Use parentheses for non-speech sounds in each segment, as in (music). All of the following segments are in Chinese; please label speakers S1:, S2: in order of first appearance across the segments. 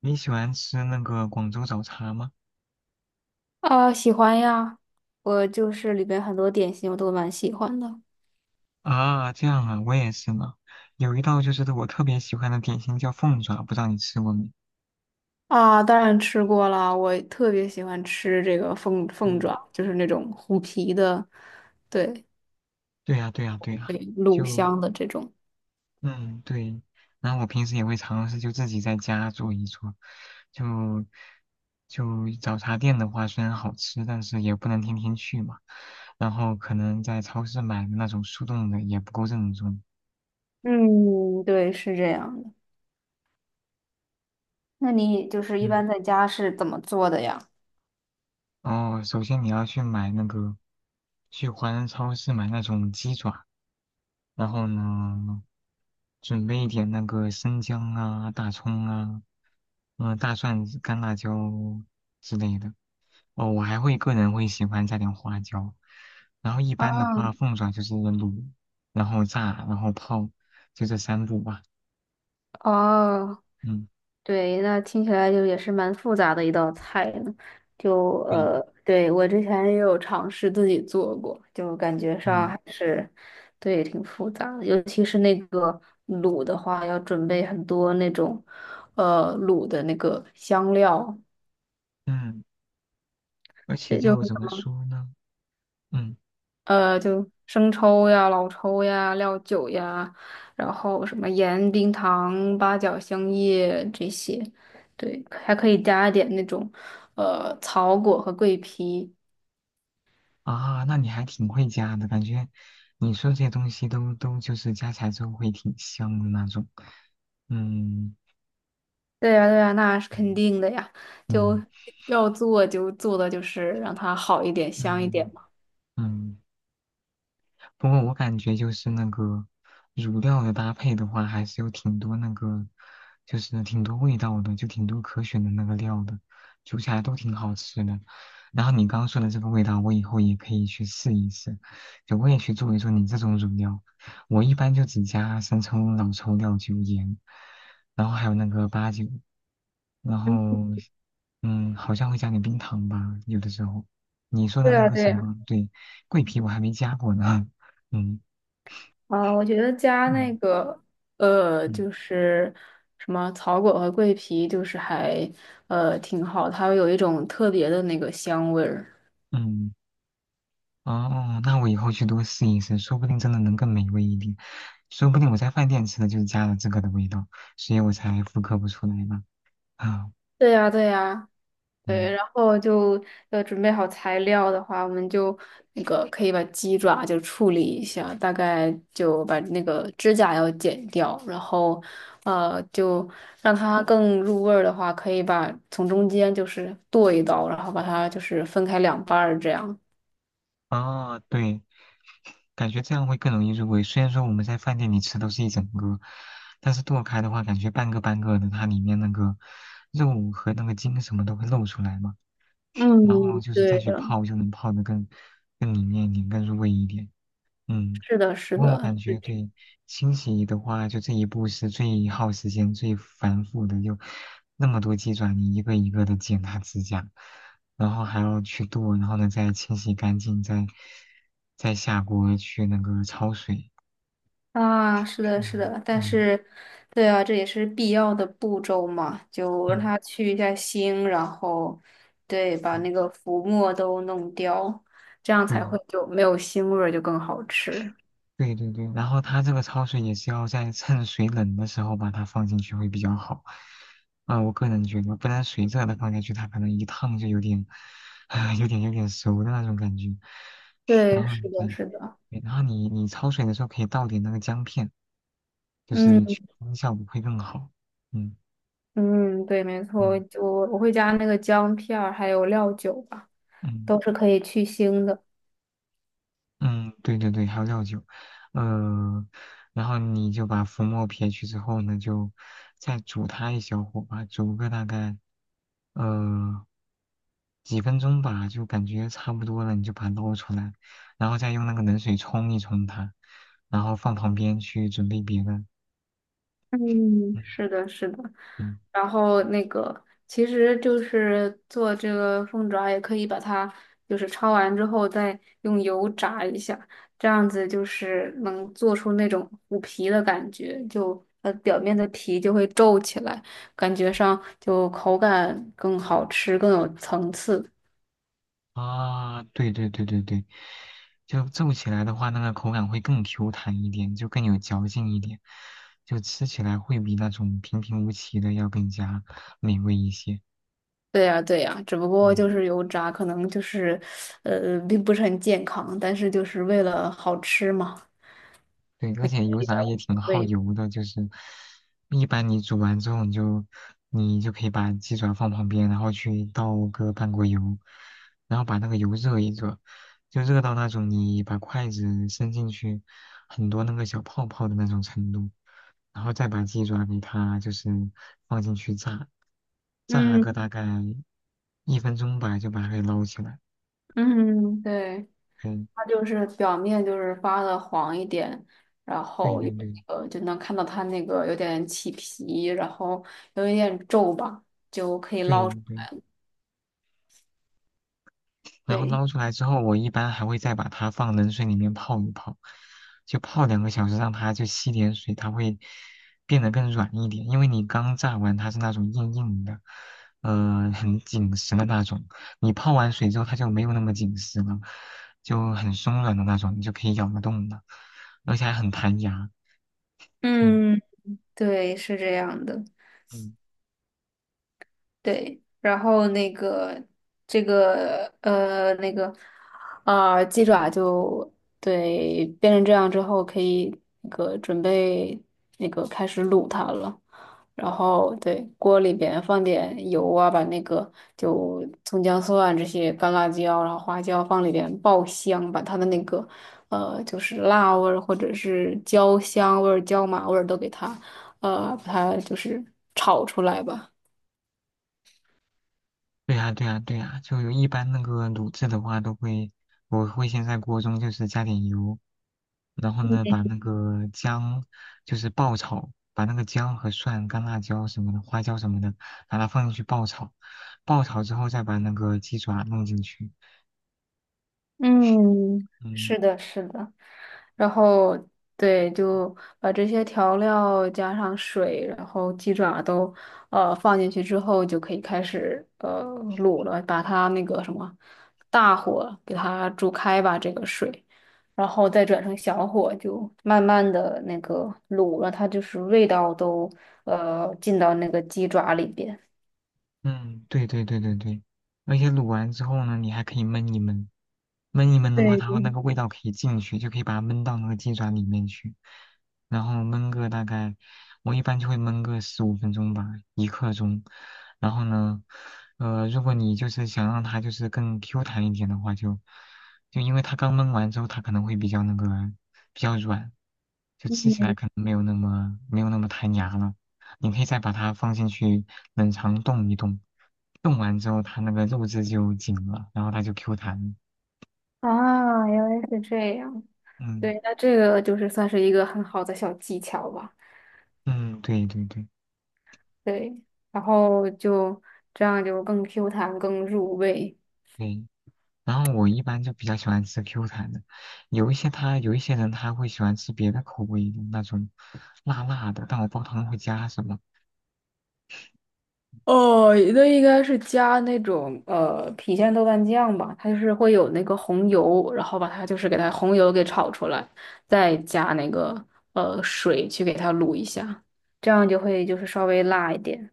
S1: 你喜欢吃那个广州早茶吗？
S2: 啊，喜欢呀，我就是里边很多点心我都蛮喜欢的。
S1: 啊，这样啊，我也是呢。有一道就是我特别喜欢的点心叫凤爪，不知道你吃过没？
S2: 啊，当然吃过了，我特别喜欢吃这个凤凤
S1: 嗯，
S2: 爪，就是那种虎皮的，对
S1: 对呀，对呀，对呀，
S2: 对，卤
S1: 就
S2: 香的这种。
S1: 嗯对，然后我平时也会尝试就自己在家做一做，就就早茶店的话虽然好吃，但是也不能天天去嘛，然后可能在超市买的那种速冻的也不够正宗，
S2: 嗯，对，是这样的。那你就是一
S1: 嗯。
S2: 般在家是怎么做的呀？
S1: 哦，首先你要去买那个，去华人超市买那种鸡爪，然后呢，准备一点那个生姜啊、大葱啊、大蒜、干辣椒之类的。哦，我还会个人会喜欢加点花椒，然后一般的
S2: 啊，
S1: 话，凤爪就是卤，然后炸，然后泡，就这三步吧。
S2: 哦，
S1: 嗯，
S2: 对，那听起来就也是蛮复杂的一道菜呢。就
S1: 对，
S2: 对，我之前也有尝试自己做过，就感觉上
S1: 嗯
S2: 还是，对，挺复杂的。尤其是那个卤的话，要准备很多那种，卤的那个香料，
S1: 嗯，而且
S2: 也就
S1: 就
S2: 很
S1: 怎么说呢？嗯。
S2: 就生抽呀、老抽呀、料酒呀，然后什么盐、冰糖、八角、香叶这些，对，还可以加一点那种，草果和桂皮。
S1: 啊，那你还挺会加的，感觉你说这些东西都就是加起来之后会挺香的那种。嗯
S2: 对呀，对呀，那是肯
S1: 嗯
S2: 定的呀，就
S1: 嗯
S2: 要做就做的就是让它好一点、香一点
S1: 嗯
S2: 嘛。
S1: 嗯，不过我感觉就是那个乳料的搭配的话，还是有挺多那个，就是挺多味道的，就挺多可选的那个料的，煮起来都挺好吃的。然后你刚刚说的这个味道，我以后也可以去试一试，就我也去做一做你这种乳料。我一般就只加生抽、老抽、料酒、盐，然后还有那个八九，然后好像会加点冰糖吧，有的时候。你说的
S2: 对
S1: 那
S2: 呀，
S1: 个什
S2: 对呀，
S1: 么，对，桂皮我还没加过呢。嗯
S2: 啊，我觉得加那
S1: 嗯
S2: 个，
S1: 嗯
S2: 就是什么草果和桂皮，就是还挺好，它会有一种特别的那个香味儿。
S1: 嗯，哦，那我以后去多试一试，说不定真的能更美味一点。说不定我在饭店吃的就是加了这个的味道，所以我才复刻不出来呢。啊，
S2: 对呀，对呀，对，
S1: 嗯，
S2: 然后就要准备好材料的话，我们就那个可以把鸡爪就处理一下，大概就把那个指甲要剪掉，然后就让它更入味儿的话，可以把从中间就是剁一刀，然后把它就是分开两半儿这样。
S1: 哦，对，感觉这样会更容易入味。虽然说我们在饭店里吃都是一整个，但是剁开的话，感觉半个半个的，它里面那个肉和那个筋什么都会露出来嘛。然后
S2: 嗯，
S1: 就是再
S2: 对
S1: 去
S2: 的，
S1: 泡，就能泡得更里面一点，更入味一点。嗯。
S2: 是的，是
S1: 不过我
S2: 的，
S1: 感
S2: 是
S1: 觉
S2: 这样
S1: 对清洗的话，就这一步是最耗时间、最繁复的，就那么多鸡爪，你一个一个的剪它指甲，然后还要去剁，然后呢再清洗干净，再下锅去那个焯水。
S2: 啊，是的，是
S1: 嗯
S2: 的，但
S1: 嗯
S2: 是，对啊，这也是必要的步骤嘛，就让
S1: 嗯
S2: 它去一下腥，然后，对，把
S1: 嗯，
S2: 那个浮沫都弄掉，这样才
S1: 对，
S2: 会就没有腥味儿，就更好吃。
S1: 对对对，然后它这个焯水也是要在趁水冷的时候把它放进去会比较好。啊、我个人觉得，不然水热的放下去，它可能一烫就有点，啊、有点熟的那种感觉。
S2: 对，
S1: 然后
S2: 是的，
S1: 对，
S2: 是的，
S1: 对然后你焯水的时候可以倒点那个姜片，就是
S2: 嗯
S1: 去腥效果会更好。嗯
S2: 嗯，对，没错，
S1: 嗯
S2: 我会加那个姜片儿，还有料酒吧，
S1: 嗯。
S2: 都是可以去腥的。
S1: 嗯，对对对，还有料酒，呃，然后你就把浮沫撇去之后呢，就再煮它一小会儿吧，煮个大概呃几分钟吧，就感觉差不多了，你就把它捞出来，然后再用那个冷水冲一冲它，然后放旁边去准备别的。
S2: 嗯，是
S1: 嗯
S2: 的，是的。
S1: 嗯。
S2: 然后那个，其实就是做这个凤爪，也可以把它就是焯完之后再用油炸一下，这样子就是能做出那种虎皮的感觉，就它表面的皮就会皱起来，感觉上就口感更好吃，更有层次。
S1: 啊，对对对对对，就皱起来的话，那个口感会更 Q 弹一点，就更有嚼劲一点，就吃起来会比那种平平无奇的要更加美味一些。
S2: 对呀，对呀，只不过就
S1: 嗯。
S2: 是油炸，可能就是，并不是很健康，但是就是为了好吃嘛，
S1: 对，而且
S2: 所
S1: 油
S2: 以
S1: 炸也
S2: 无
S1: 挺
S2: 所
S1: 耗
S2: 谓。
S1: 油的，就是一般你煮完之后，你就可以把鸡爪放旁边，然后去倒个半锅油，然后把那个油热一热，就热到那种你把筷子伸进去很多那个小泡泡的那种程度，然后再把鸡爪给它就是放进去炸，炸
S2: 嗯。
S1: 个大概1分钟吧，就把它给捞起来。
S2: 嗯，对，
S1: 嗯，
S2: 它就是表面就是发的黄一点，然
S1: 对
S2: 后
S1: 对
S2: 有
S1: 对
S2: 就能看到它那个有点起皮，然后有一点皱吧，就可以捞
S1: 对
S2: 出
S1: 对。
S2: 来。
S1: 然后
S2: 对，
S1: 捞出来之后，我一般还会再把它放冷水里面泡一泡，就泡2个小时，让它就吸点水，它会变得更软一点。因为你刚炸完，它是那种硬硬的，很紧实的那种。你泡完水之后，它就没有那么紧实了，就很松软的那种，你就可以咬得动的，而且还很弹牙。嗯
S2: 嗯，对，是这样的。
S1: 嗯。
S2: 对，然后那个这个啊、鸡爪就对变成这样之后，可以那个准备那个开始卤它了。然后对锅里边放点油啊，把那个就葱姜蒜啊这些干辣椒，然后花椒放里边爆香，把它的那个就是辣味儿或者是焦香味儿、椒麻味儿都给它把它就是炒出来吧。
S1: 对呀，对呀，对呀，就一般那个卤制的话，都会，我会先在锅中就是加点油，然后呢，把那个姜就是爆炒，把那个姜和蒜、干辣椒什么的、花椒什么的，把它放进去爆炒，爆炒之后再把那个鸡爪弄进去，
S2: 嗯，
S1: 嗯。
S2: 是的，是的，然后对，就把这些调料加上水，然后鸡爪都放进去之后，就可以开始卤了，把它那个什么大火给它煮开吧，这个水，然后再转成小火，就慢慢的那个卤，让它就是味道都进到那个鸡爪里边。
S1: 嗯，对对对对对，而且卤完之后呢，你还可以焖一焖，焖一焖的话，
S2: 对
S1: 它会那
S2: 对，
S1: 个味道可以进去，就可以把它焖到那个鸡爪里面去，然后焖个大概，我一般就会焖个15分钟吧，一刻钟。然后呢，如果你就是想让它就是更 Q 弹一点的话就，就因为它刚焖完之后，它可能会比较那个比较软，就吃起来
S2: 嗯
S1: 可能没有那么弹牙了。你可以再把它放进去冷藏冻一冻，冻完之后它那个肉质就紧了，然后它就 Q 弹。
S2: 啊，原来是这样。
S1: 嗯
S2: 对，那这个就是算是一个很好的小技巧吧。
S1: 嗯，对对对
S2: 对，然后就这样就更 Q 弹、更入味。
S1: 对。然后我一般就比较喜欢吃 Q 弹的，有一些人他会喜欢吃别的口味的那种辣辣的，但我不知道他们会加什么。
S2: 哦，那应该是加那种郫县豆瓣酱吧，它就是会有那个红油，然后把它就是给它红油给炒出来，再加那个水去给它卤一下，这样就会就是稍微辣一点。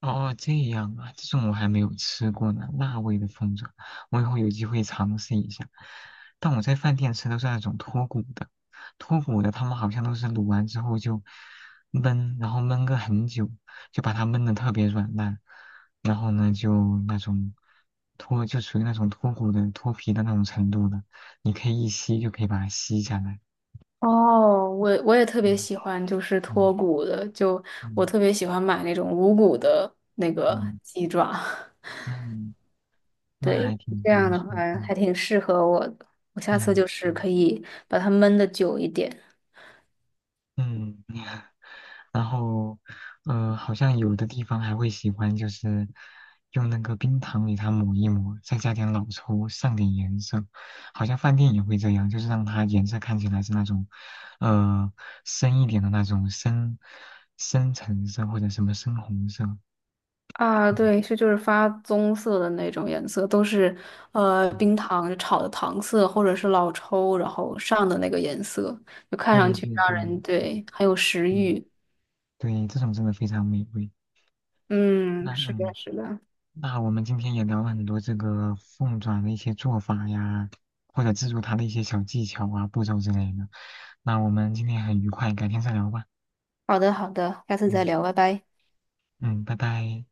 S1: 哦，这样啊，这种我还没有吃过呢，辣味的凤爪，我以后有机会尝试一下。但我在饭店吃都是那种脱骨的，脱骨的他们好像都是卤完之后就焖，然后焖个很久，就把它焖的特别软烂，然后呢就那种就属于那种脱骨的脱皮的那种程度的，你可以一吸就可以把它吸下来。
S2: 哦，我也特别
S1: 嗯
S2: 喜欢，就是
S1: 嗯
S2: 脱骨的，就我
S1: 嗯
S2: 特别喜欢买那种无骨的那个
S1: 嗯，
S2: 鸡爪，
S1: 那
S2: (laughs)
S1: 那
S2: 对，
S1: 还挺
S2: 这
S1: 挺不
S2: 样的
S1: 错，
S2: 话
S1: 嗯
S2: 还挺适合我的。我下次
S1: 嗯。
S2: 就是
S1: 嗯
S2: 可以把它焖的久一点
S1: 嗯，(laughs) 然后，好像有的地方还会喜欢，就是用那个冰糖给它抹一抹，再加点老抽，上点颜色。好像饭店也会这样，就是让它颜色看起来是那种，呃，深一点的那种深橙色或者什么深红色。
S2: 啊，
S1: 嗯，
S2: 对，是就是发棕色的那种颜色，都是冰
S1: 嗯
S2: 糖炒的糖色或者是老抽然后上的那个颜色，就看上
S1: 对
S2: 去
S1: 对
S2: 让
S1: 对，
S2: 人
S1: 嗯
S2: 对很有食
S1: 嗯，
S2: 欲。
S1: 对，这种真的非常美味。那
S2: 嗯，是的，
S1: 嗯，
S2: 是的。
S1: 那我们今天也聊了很多这个凤爪的一些做法呀，或者制作它的一些小技巧啊、步骤之类的。那我们今天很愉快，改天再聊吧。
S2: 好的，好的，下次再
S1: 嗯
S2: 聊，拜拜。
S1: 嗯，拜拜。